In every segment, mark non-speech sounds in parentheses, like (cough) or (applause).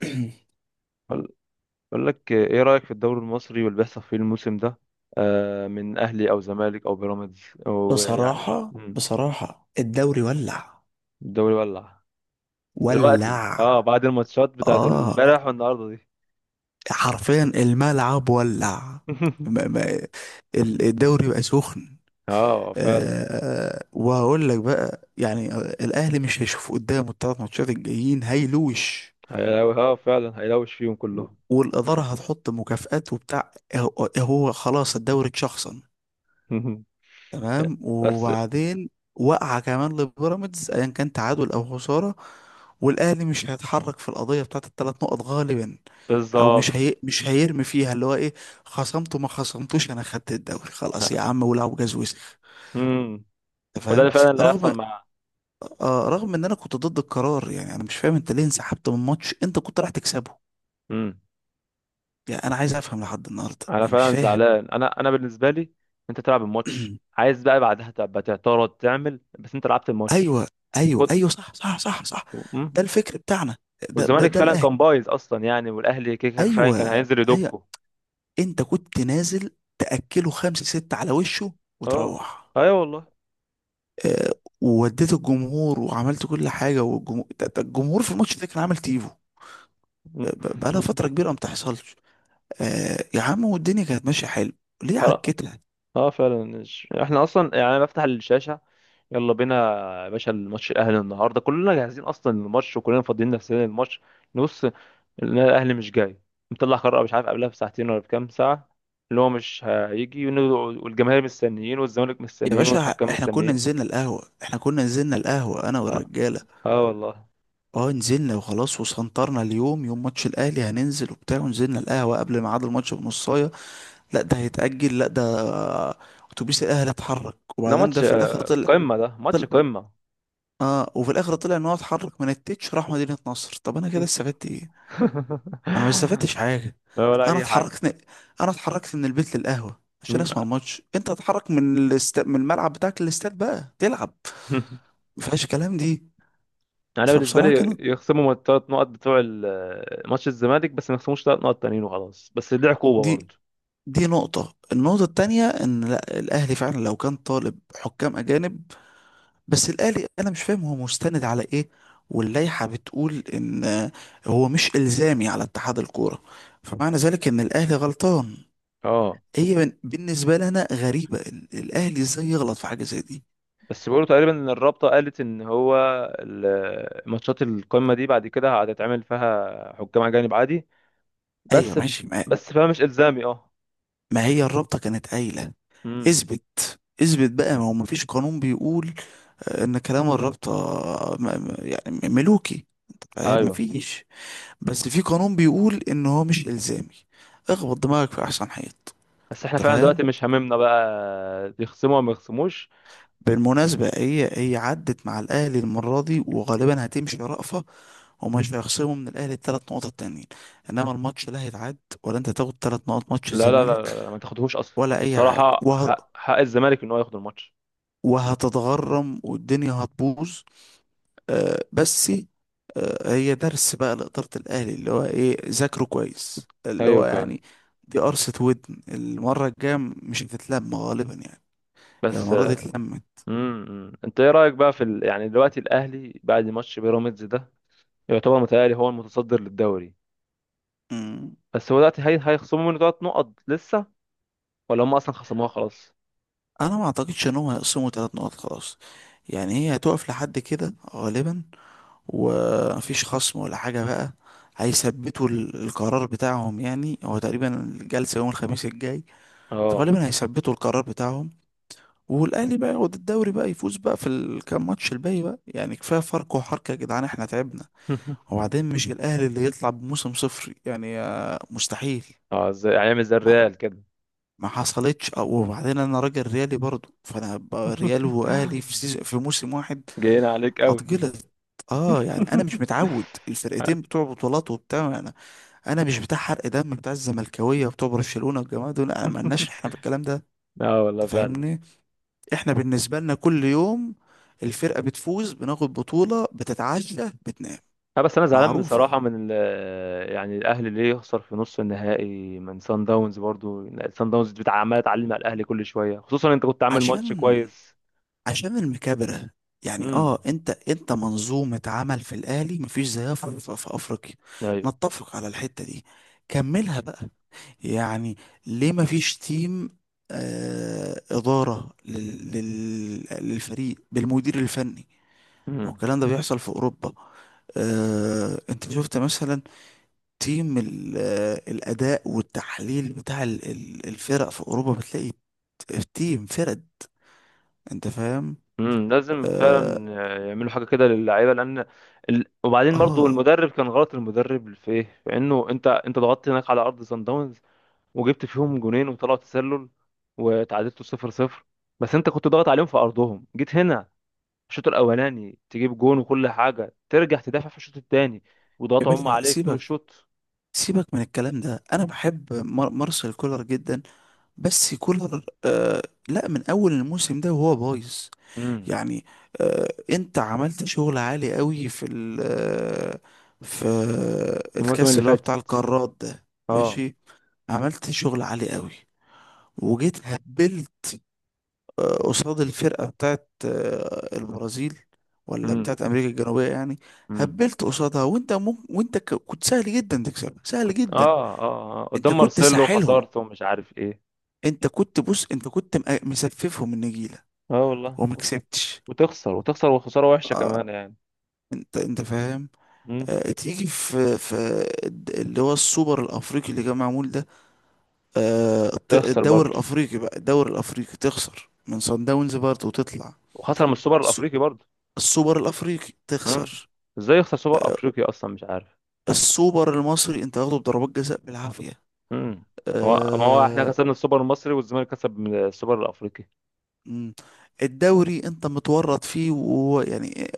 (clears throat) بقول بقول لك ايه رأيك في الدوري المصري واللي بيحصل فيه الموسم ده؟ آه، من اهلي او زمالك او بيراميدز او يعني بصراحة بصراحة الدوري ولع الدوري ولع دلوقتي. ولع، اه بعد الماتشات بتاعت اه امبارح والنهارده دي حرفيا الملعب ولع. ما- (laughs) ما- الدوري بقى سخن. اه فعلا. وهقول لك بقى يعني الأهلي مش هيشوف قدامه الثلاث ماتشات الجايين، هيلوش، هيلو، فعلا هيلوش فيهم كلهم. والإدارة هتحط مكافآت وبتاع. هو هو خلاص الدوري اتشخصن، (laughs) تمام؟ بس وبعدين وقع كمان لبيراميدز، ايا كان تعادل او خساره، والاهلي مش هيتحرك في القضيه بتاعت الثلاث نقط غالبا، او مش بالظبط. هي مش هيرمي فيها، اللي هو ايه، خصمته ما خصمتوش، انا خدت الدوري خلاص يا عم، ولعوا جاز وسخ، امم، انت وده فاهم؟ اللي فعلا اللي هيحصل رغم، مع. رغم ان انا كنت ضد القرار. يعني انا مش فاهم انت ليه انسحبت من ماتش انت كنت رايح تكسبه؟ امم، يعني انا عايز افهم لحد النهارده، انا يعني مش فعلا فاهم. زعلان. انا بالنسبه لي، انت تلعب الماتش. (clears throat) عايز بقى بعدها تبقى تعترض تعمل، بس انت لعبت الماتش. ايوه. ايوه، ايوه، صح، صح، صح، صح. مم. ده الفكر بتاعنا، ده ده والزمالك ده فعلا الاهلي. كان بايظ اصلا يعني، والاهلي كيكا فعلا كان ايوه، هينزل ايوه، يدكه. انت كنت نازل تاكله خمسه سته على وشه اه وتروح. ايوه والله. آه، ووديت الجمهور وعملت كل حاجه، والجمهور ده الجمهور في الماتش ده كان عامل تيفو. بقالها فتره (laughs) كبيره ما بتحصلش. يا عم، والدنيا كانت ماشيه حلو، ليه حرام. عكتنا؟ اه فعلا احنا اصلا يعني انا بفتح الشاشه، يلا بينا يا باشا. الماتش الاهلي النهارده كلنا جاهزين اصلا للماتش، وكلنا فاضيين نفسنا للماتش. نبص لقينا الاهلي مش جاي، مطلع قرار مش عارف قبلها بساعتين ولا بكام ساعه، اللي هو مش هيجي. والجماهير مستنيين والزمالك يا مستنيين باشا والحكام احنا كنا مستنيين. نزلنا القهوه، انا اه، والرجاله. آه والله. اه، نزلنا وخلاص وسنطرنا، اليوم يوم ماتش الاهلي هننزل وبتاع، ونزلنا القهوه قبل ميعاد الماتش بنص. لا ده هيتأجل، لا ده اتوبيس الاهلي اتحرك. ده وبعدين ماتش ده في الاخر طلع، قمه، ده ماتش طلع، قمه. اه، وفي الاخر طلع ان هو اتحرك من التتش راح مدينة نصر. طب انا كده استفدت ايه؟ انا ما (laughs) استفدتش حاجة. لا ولا انا اي حاجه. اتحركت، اتحركت من البيت للقهوة عشان اسمع (laughs) الماتش. انت اتحرك من من الملعب بتاعك للاستاد بقى تلعب، ما فيهاش كلام دي. انا بالنسبه فبصراحة لي كانت، يخصموا الثلاث نقط بتوع ماتش الزمالك بس، ما يخصموش ثلاث نقط تانيين وخلاص، بس دي عقوبه دي برضه. دي نقطة، النقطة التانية ان لا الاهلي فعلا لو كان طالب حكام اجانب. بس الآلي أنا مش فاهم هو مستند على إيه؟ واللائحة بتقول إن هو مش إلزامي على اتحاد الكورة، فمعنى ذلك إن الأهلي غلطان. اه، هي بالنسبة لنا غريبة إن الأهلي إزاي يغلط في حاجة زي دي. بس بيقولوا تقريبا ان الرابطه قالت ان هو ماتشات القمه دي بعد كده هتتعمل فيها حكام اجانب عادي، أيوة، بس ف... ماشي. بس فيها مش الزامي. اه ما هي الرابطة كانت قايلة، امم، اثبت، اثبت بقى. ما هو مفيش قانون بيقول إن كلام الرابطة يعني ملوكي، فاهم؟ ايوه مفيش، بس في قانون بيقول إن هو مش إلزامي، اخبط دماغك في أحسن حيط. بس احنا أنت فعلا فاهم؟ دلوقتي مش هاممنا بقى يخصموا ولا ما يخصموش. بالمناسبة هي هي عدت مع الأهلي المرة دي، وغالبا هتمشي رأفة، ومش هيخصموا من الأهلي التلات نقط التانيين، إنما الماتش لا هيتعد ولا أنت تاخد تلات نقط ماتش لا لا الزمالك لا لا، ما تاخدهوش اصلا. ولا أي حاجة، بصراحه حق، حق الزمالك ان هو ياخد الماتش. وهتتغرم والدنيا هتبوظ، آه. بس آه، هي درس بقى لإدارة الأهلي، اللي هو إيه، ذاكره كويس، اللي ايوه هو فعلا. يعني دي قرصة ودن، المرة الجاية مش هتتلم غالبا يعني، هي بس المرة دي اتلمت. امم، انت ايه رايك بقى في يعني دلوقتي الاهلي بعد ماتش بيراميدز ده؟ يعتبر متهيألي هو المتصدر للدوري، بس هو دلوقتي هيخصموا منه ثلاث نقط لسه، ولا هم اصلا خصموها خلاص؟ انا ما اعتقدش ان هم هيقسموا ثلاث نقط خلاص. يعني هي هتقف لحد كده غالبا، ومفيش خصم ولا حاجة بقى. هيثبتوا القرار بتاعهم. يعني هو تقريبا الجلسة يوم الخميس الجاي، اه. فغالبا هيثبتوا القرار بتاعهم، والاهلي بقى ياخد الدوري بقى، يفوز بقى في الكام ماتش الباقي بقى. يعني كفايه فرق وحركه يا جدعان، احنا تعبنا. (laughs) وبعدين مش الاهلي اللي يطلع بموسم صفري، يعني مستحيل، اه، ازاي هيعمل زي الريال كده. ما حصلتش. وبعدين انا راجل ريالي برضو، فانا ريال واهلي في (laughs) في موسم واحد، جايين عليك قوي. اتجلط. (laughs) اه، يعني انا مش متعود الفرقتين بتوع بطولات وبتاع. انا مش بتاع حرق دم بتاع الزملكاويه وبتوع برشلونه والجماعه دول، انا مالناش احنا في الكلام ده، اه والله انت فعلا. فاهمني؟ احنا بالنسبه لنا كل يوم الفرقه بتفوز، بناخد بطوله، بتتعشى، بتنام، لا بس انا زعلان معروفه. بصراحه من ال، يعني الاهلي ليه يخسر في نص النهائي من سان داونز؟ برضو سان داونز بتاع عماله تعلم على الاهلي كل شويه، خصوصا انت كنت عامل ماتش عشان، كويس. عشان المكابرة. يعني اه، امم انت منظومة عمل في الاهلي مفيش زيها في افريقيا، ايوه. نتفق على الحتة دي. كملها بقى، يعني ليه مفيش تيم ادارة لل لل للفريق بالمدير الفني؟ ما هو امم الكلام ده بيحصل في اوروبا. آه، انت شفت مثلا تيم الاداء والتحليل بتاع الفرق في اوروبا، بتلاقي تيم فرق، انت فاهم؟ امم، لازم آه, فعلا يعملوا حاجه كده للعيبه، لان وبعدين برضو اه المدرب كان غلط. المدرب في ايه؟ في انه انت ضغطت هناك على ارض سان داونز، وجبت فيهم جونين وطلعوا تسلل، وتعادلتوا 0 0. بس انت كنت ضاغط عليهم في ارضهم. جيت هنا الشوط الاولاني تجيب جون وكل حاجه، ترجع تدافع في الشوط الثاني يا وضغط هم باشا عليك طول سيبك، الشوط. سيبك من الكلام ده. انا بحب مارسيل كولر جدا، بس كولر آه، لا، من اول الموسم ده وهو بايظ، امم، يعني. آه، انت عملت شغل عالي قوي في ال في الموسم الكاس اللي اللي هو بتاع فاتت. القارات ده، اه ماشي، عملت شغل عالي قوي. وجيت هبلت قصاد الفرقة بتاعت البرازيل، ولا امم بتاعت أمريكا الجنوبية يعني. امم، هبلت قصادها، وأنت ممكن، وأنت كنت سهل جدا تكسبها، سهل كنت جدا. أنت قدام كنت مارسيلو ساحلهم، خسرت ومش عارف ايه. أنت كنت بص، أنت كنت مسففهم النجيلة اه والله وما كسبتش، وتخسر وتخسر، وخساره وحشه آه. كمان يعني. أنت فاهم؟ امم، تيجي في في اللي هو السوبر الأفريقي اللي كان معمول ده، تخسر الدوري برضه. الأفريقي بقى، الدوري الأفريقي تخسر من صن داونز برضه وتطلع. وخسر من السوبر السو- الافريقي برضه. السوبر الأفريقي امم، تخسر. ازاي يخسر سوبر افريقي اصلا؟ مش عارف. السوبر المصري انت واخده بضربات جزاء بالعافية. امم، هو ما هو احنا آه. كسبنا السوبر المصري والزمالك كسب من السوبر الافريقي. مم. الدوري انت متورط فيه ويعني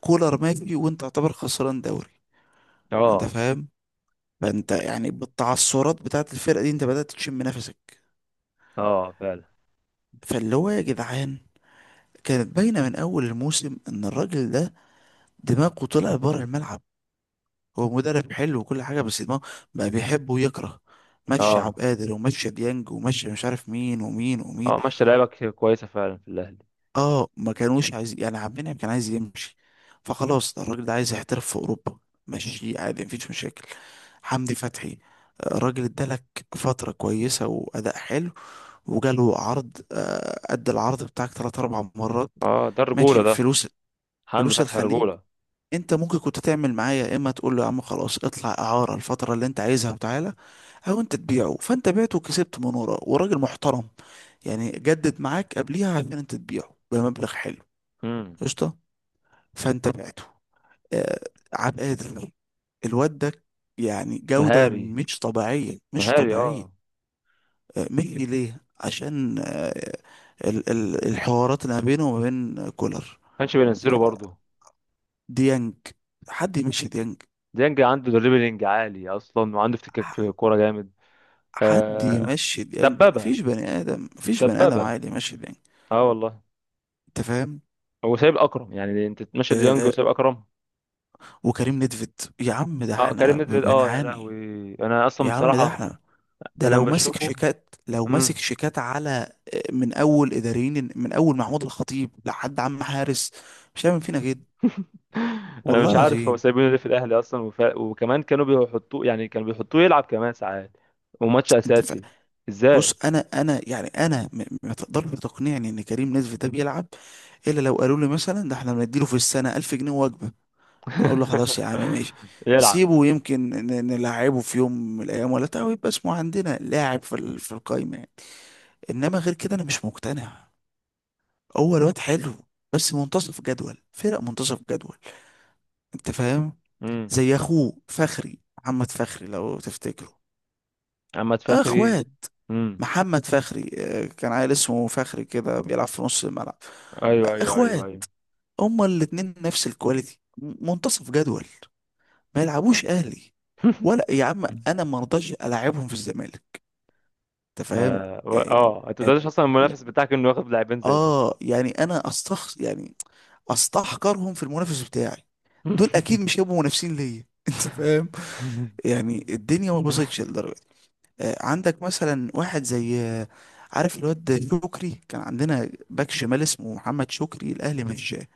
كولر ماشي وانت تعتبر خسران دوري، انت اه فاهم؟ فانت يعني بالتعثرات بتاعت الفرقة دي انت بدأت تشم نفسك. اه فعلا. فاللي هو يا جدعان، كانت باينة من اول الموسم ان الراجل ده دماغه طلع بره الملعب، هو مدرب حلو وكل حاجة، بس دماغه بقى بيحب ويكره. مشي عبد اه القادر، ومشي ديانج، ومشي مش عارف مين ومين ومين. اه ماشي، لعيبك كويسه فعلا في الاهلي. اه، ما كانوش عايزين يعني، عبد المنعم كان عايز يمشي، فخلاص ده الراجل ده عايز يحترف في اوروبا، ماشي عادي، مفيش مشاكل. حمدي فتحي، الراجل ادالك فترة كويسة وأداء حلو، وجاله عرض، أدى العرض بتاعك تلات أربع مرات، اه، ده الرجوله ماشي، ده. فلوس، حمدي فلوس فتحي الخليج. رجوله. أنت ممكن كنت تعمل معايا يا إما تقول له يا عم خلاص اطلع إعارة الفترة اللي أنت عايزها وتعالى، أو أنت تبيعه، فأنت بعته وكسبت من وراه، وراجل محترم يعني جدد معاك قبليها عشان أنت تبيعه بمبلغ حلو، امم قشطه. فانت بعته آه، عبد القادر، الواد ده يعني جودة مهاري، مش طبيعية، مش مهاري طبيعية. اه. مشي ليه؟ عشان الحوارات اللي ما بينه وما بين كولر. كانش بينزله برضه. ديانج، حد يمشي ديانج؟ ديانج عنده دريبلينج عالي اصلا، وعنده افتكاك ح- في الكوره جامد. حد آه، يمشي ديانج؟ دبابه مفيش بني آدم، مفيش بني آدم دبابه. عادي يمشي ديانج. اه والله. أنت فاهم؟ هو سايب اكرم، يعني انت تمشي ديانج آه، وسايب اكرم؟ وكريم نيدفيد يا عم، ده اه، كريم احنا نيدفيد اه، يا بنعاني. لهوي. انا اصلا يا عم ده بصراحه، احنا، ده انا لو لما ماسك بشوفه شيكات، لو ماسك شيكات على من اول اداريين، من اول محمود الخطيب لحد عم حارس، مش هيعمل فينا كده، انا والله مش عارف هو العظيم. سايبينه ليه في الاهلي اصلا، وكمان كانوا بيحطوه، يعني كانوا بيحطوه يلعب كمان ساعات وماتش انت ف... اساسي، بص، ازاي؟ انا يعني انا ما تقدرش تقنعني ان كريم نزف ده بيلعب، الا لو قالوا لي مثلا ده احنا بنديله في السنه 1000 جنيه وجبه. انا اقول له (laughs) خلاص يا عم ماشي، يلعب. سيبه، يمكن نلعبه في يوم من الايام ولا بتاع، ويبقى اسمه عندنا لاعب في في القايمه يعني. انما غير كده انا مش مقتنع. هو الواد حلو، بس منتصف جدول، فرق منتصف جدول، انت فاهم؟ امم، زي اخوه فخري، محمد فخري، لو تفتكره. اما آه، تفخري. اخوات. امم، محمد فخري كان عيل اسمه فخري كده بيلعب في نص الملعب. آه، ايوه ايوه ايوه ايوه. اخوات، هما الاتنين نفس الكواليتي، منتصف جدول، ما يلعبوش اهلي، (laughs) ولا يا عم انا ما رضاش العبهم في الزمالك، انت فاهم؟ اه يعني انت يعني- تقدرش اصلا المنافس بتاعك انه ياخد لاعبين زي دول. اه يعني انا استخسر يعني، استحقرهم في المنافس بتاعي، دول اكيد مش (laughs) هيبقوا منافسين ليا (laughs) انت فاهم؟ يعني الدنيا ما باظتش للدرجه دي. عندك مثلا واحد زي عارف الواد شكري، كان عندنا باك شمال اسمه محمد شكري، الاهلي مش جاه.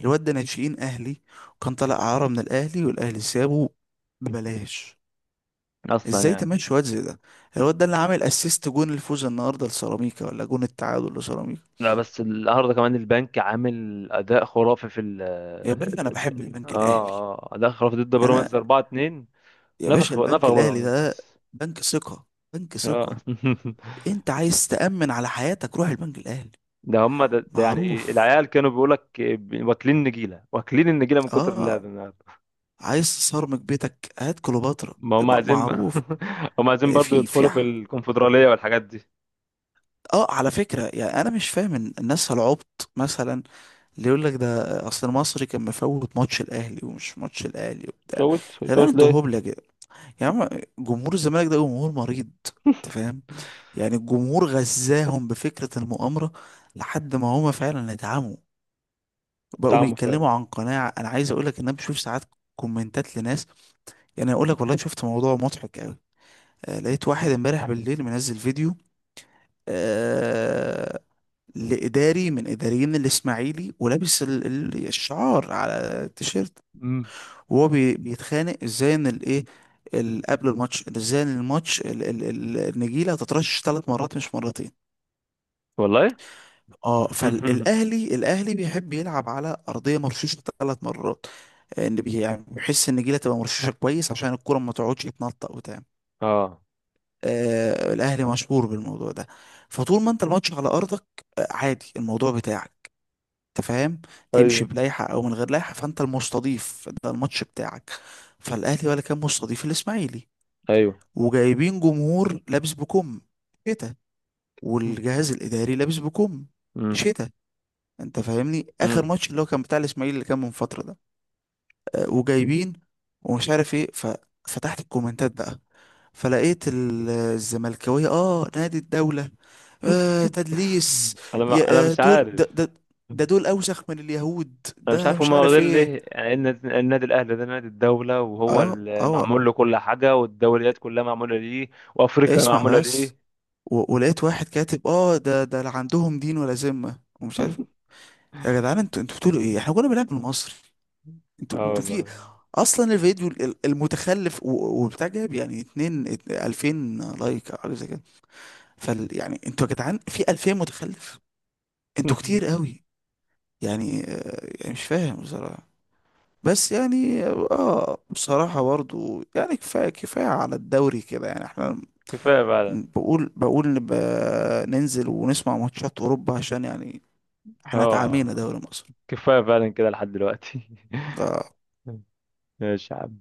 الواد ده ناشئين اهلي، وكان طالع اعاره من الاهلي والاهلي سابه ببلاش. اصلا ازاي يعني. تمشي واد زي ده؟ الواد ده اللي عامل اسيست جون الفوز النهارده لسيراميكا، ولا جون التعادل لسيراميكا. لا بس النهارده كمان البنك عامل اداء خرافي في ال، يا باشا انا بحب اه البنك الاهلي. اه اداء خرافي ضد انا، بيراميدز 4 2. يا باشا، نفخ نفخ البنك الاهلي ده بيراميدز. بنك ثقة، بنك آه. ثقة. (laughs) انت عايز تأمن على حياتك روح البنك الاهلي، ده هم ده, ده يعني معروف. العيال كانوا بيقول لك واكلين نجيله، واكلين النجيله من كتر اه، اللعب النهارده. عايز تصرمك بيتك هات كليوباترا، ما هم عايزين. معروف. (laughs) هم عايزين آه، برضه في في يدخلوا في ح- الكونفدراليه والحاجات دي. اه على فكرة، يعني انا مش فاهم إن الناس العبط مثلا اللي يقول لك ده اصل المصري كان مفوت ماتش الاهلي، ومش ماتش الاهلي وبتاع. فوت يا جدعان فوت انتوا ليه؟ هبلة كده! يا عم جمهور الزمالك ده جمهور مريض، انت (laughs) فاهم؟ يعني الجمهور غزاهم بفكرة المؤامرة لحد ما هما فعلا اتعموا، بقوا طعمه فعلا. بيتكلموا عن قناعة. أنا عايز أقولك إن أنا بشوف ساعات كومنتات لناس، يعني أقولك والله شفت موضوع مضحك أوي. آه، لقيت واحد امبارح بالليل منزل فيديو، آه، لإداري من إداريين الإسماعيلي، ولابس الشعار على التيشيرت، مم. وهو بيتخانق إزاي إن الإيه، قبل الماتش، إن ازاي إن الماتش النجيله هتترشش ثلاث مرات مش مرتين. والله. اه، (laughs) الاهلي بيحب يلعب على ارضيه مرشوشه ثلاث مرات. يعني بيحس ان الجيله تبقى مرشوشه كويس عشان الكره ما تقعدش تنطق وتعمل. اه آه، الاهلي مشهور بالموضوع ده. فطول ما انت الماتش على ارضك آه، عادي الموضوع بتاعك، انت فاهم، تمشي ايوه بلائحه او من غير لائحه، فانت المستضيف، ده الماتش بتاعك. فالاهلي ولا كان مستضيف الاسماعيلي، ايوه. وجايبين جمهور لابس بكم شتا، مم. والجهاز الاداري لابس بكم مم. شتا. انت فاهمني؟ اخر ماتش اللي هو كان بتاع الاسماعيلي اللي كان من فتره ده، وجايبين ومش عارف ايه. ففتحت الكومنتات بقى، فلقيت الزملكاويه، اه، نادي الدوله، آه، تدليس، يا انا آه، مش عارف. ده دول اوسخ من اليهود، انا مش ده عارف مش هما عارف واخدين ايه. ليه؟ يعني إيه النادي، النادي الاهلي ده نادي الدوله، وهو اه اللي اه معمول له كل حاجه، والدوريات كلها معموله ليه، وافريقيا اسمع معموله بس. ليه. ولقيت واحد كاتب اه ده ده لا عندهم دين ولا ذمه ومش عارف. يا جدعان، انتوا بتقولوا ايه؟ احنا كنا بنلعب المصري، انتوا اه انتوا في. والله. اصلا الفيديو المتخلف وبتاع جاب يعني اتنين 2000 لايك او حاجه زي كده. فال يعني انتوا يا جدعان في 2000 متخلف، انتوا كتير (laughs) قوي. يعني يعني مش فاهم بصراحه. بس يعني اه، بصراحه برضو، يعني كفايه على الدوري كده، يعني احنا كفايه فعلا. بقول نبقى ننزل ونسمع ماتشات اوروبا عشان يعني احنا اه، اتعامينا دوري مصر كفايه فعلا كده لحد دلوقتي. ده. (laughs) ماشي يا عم.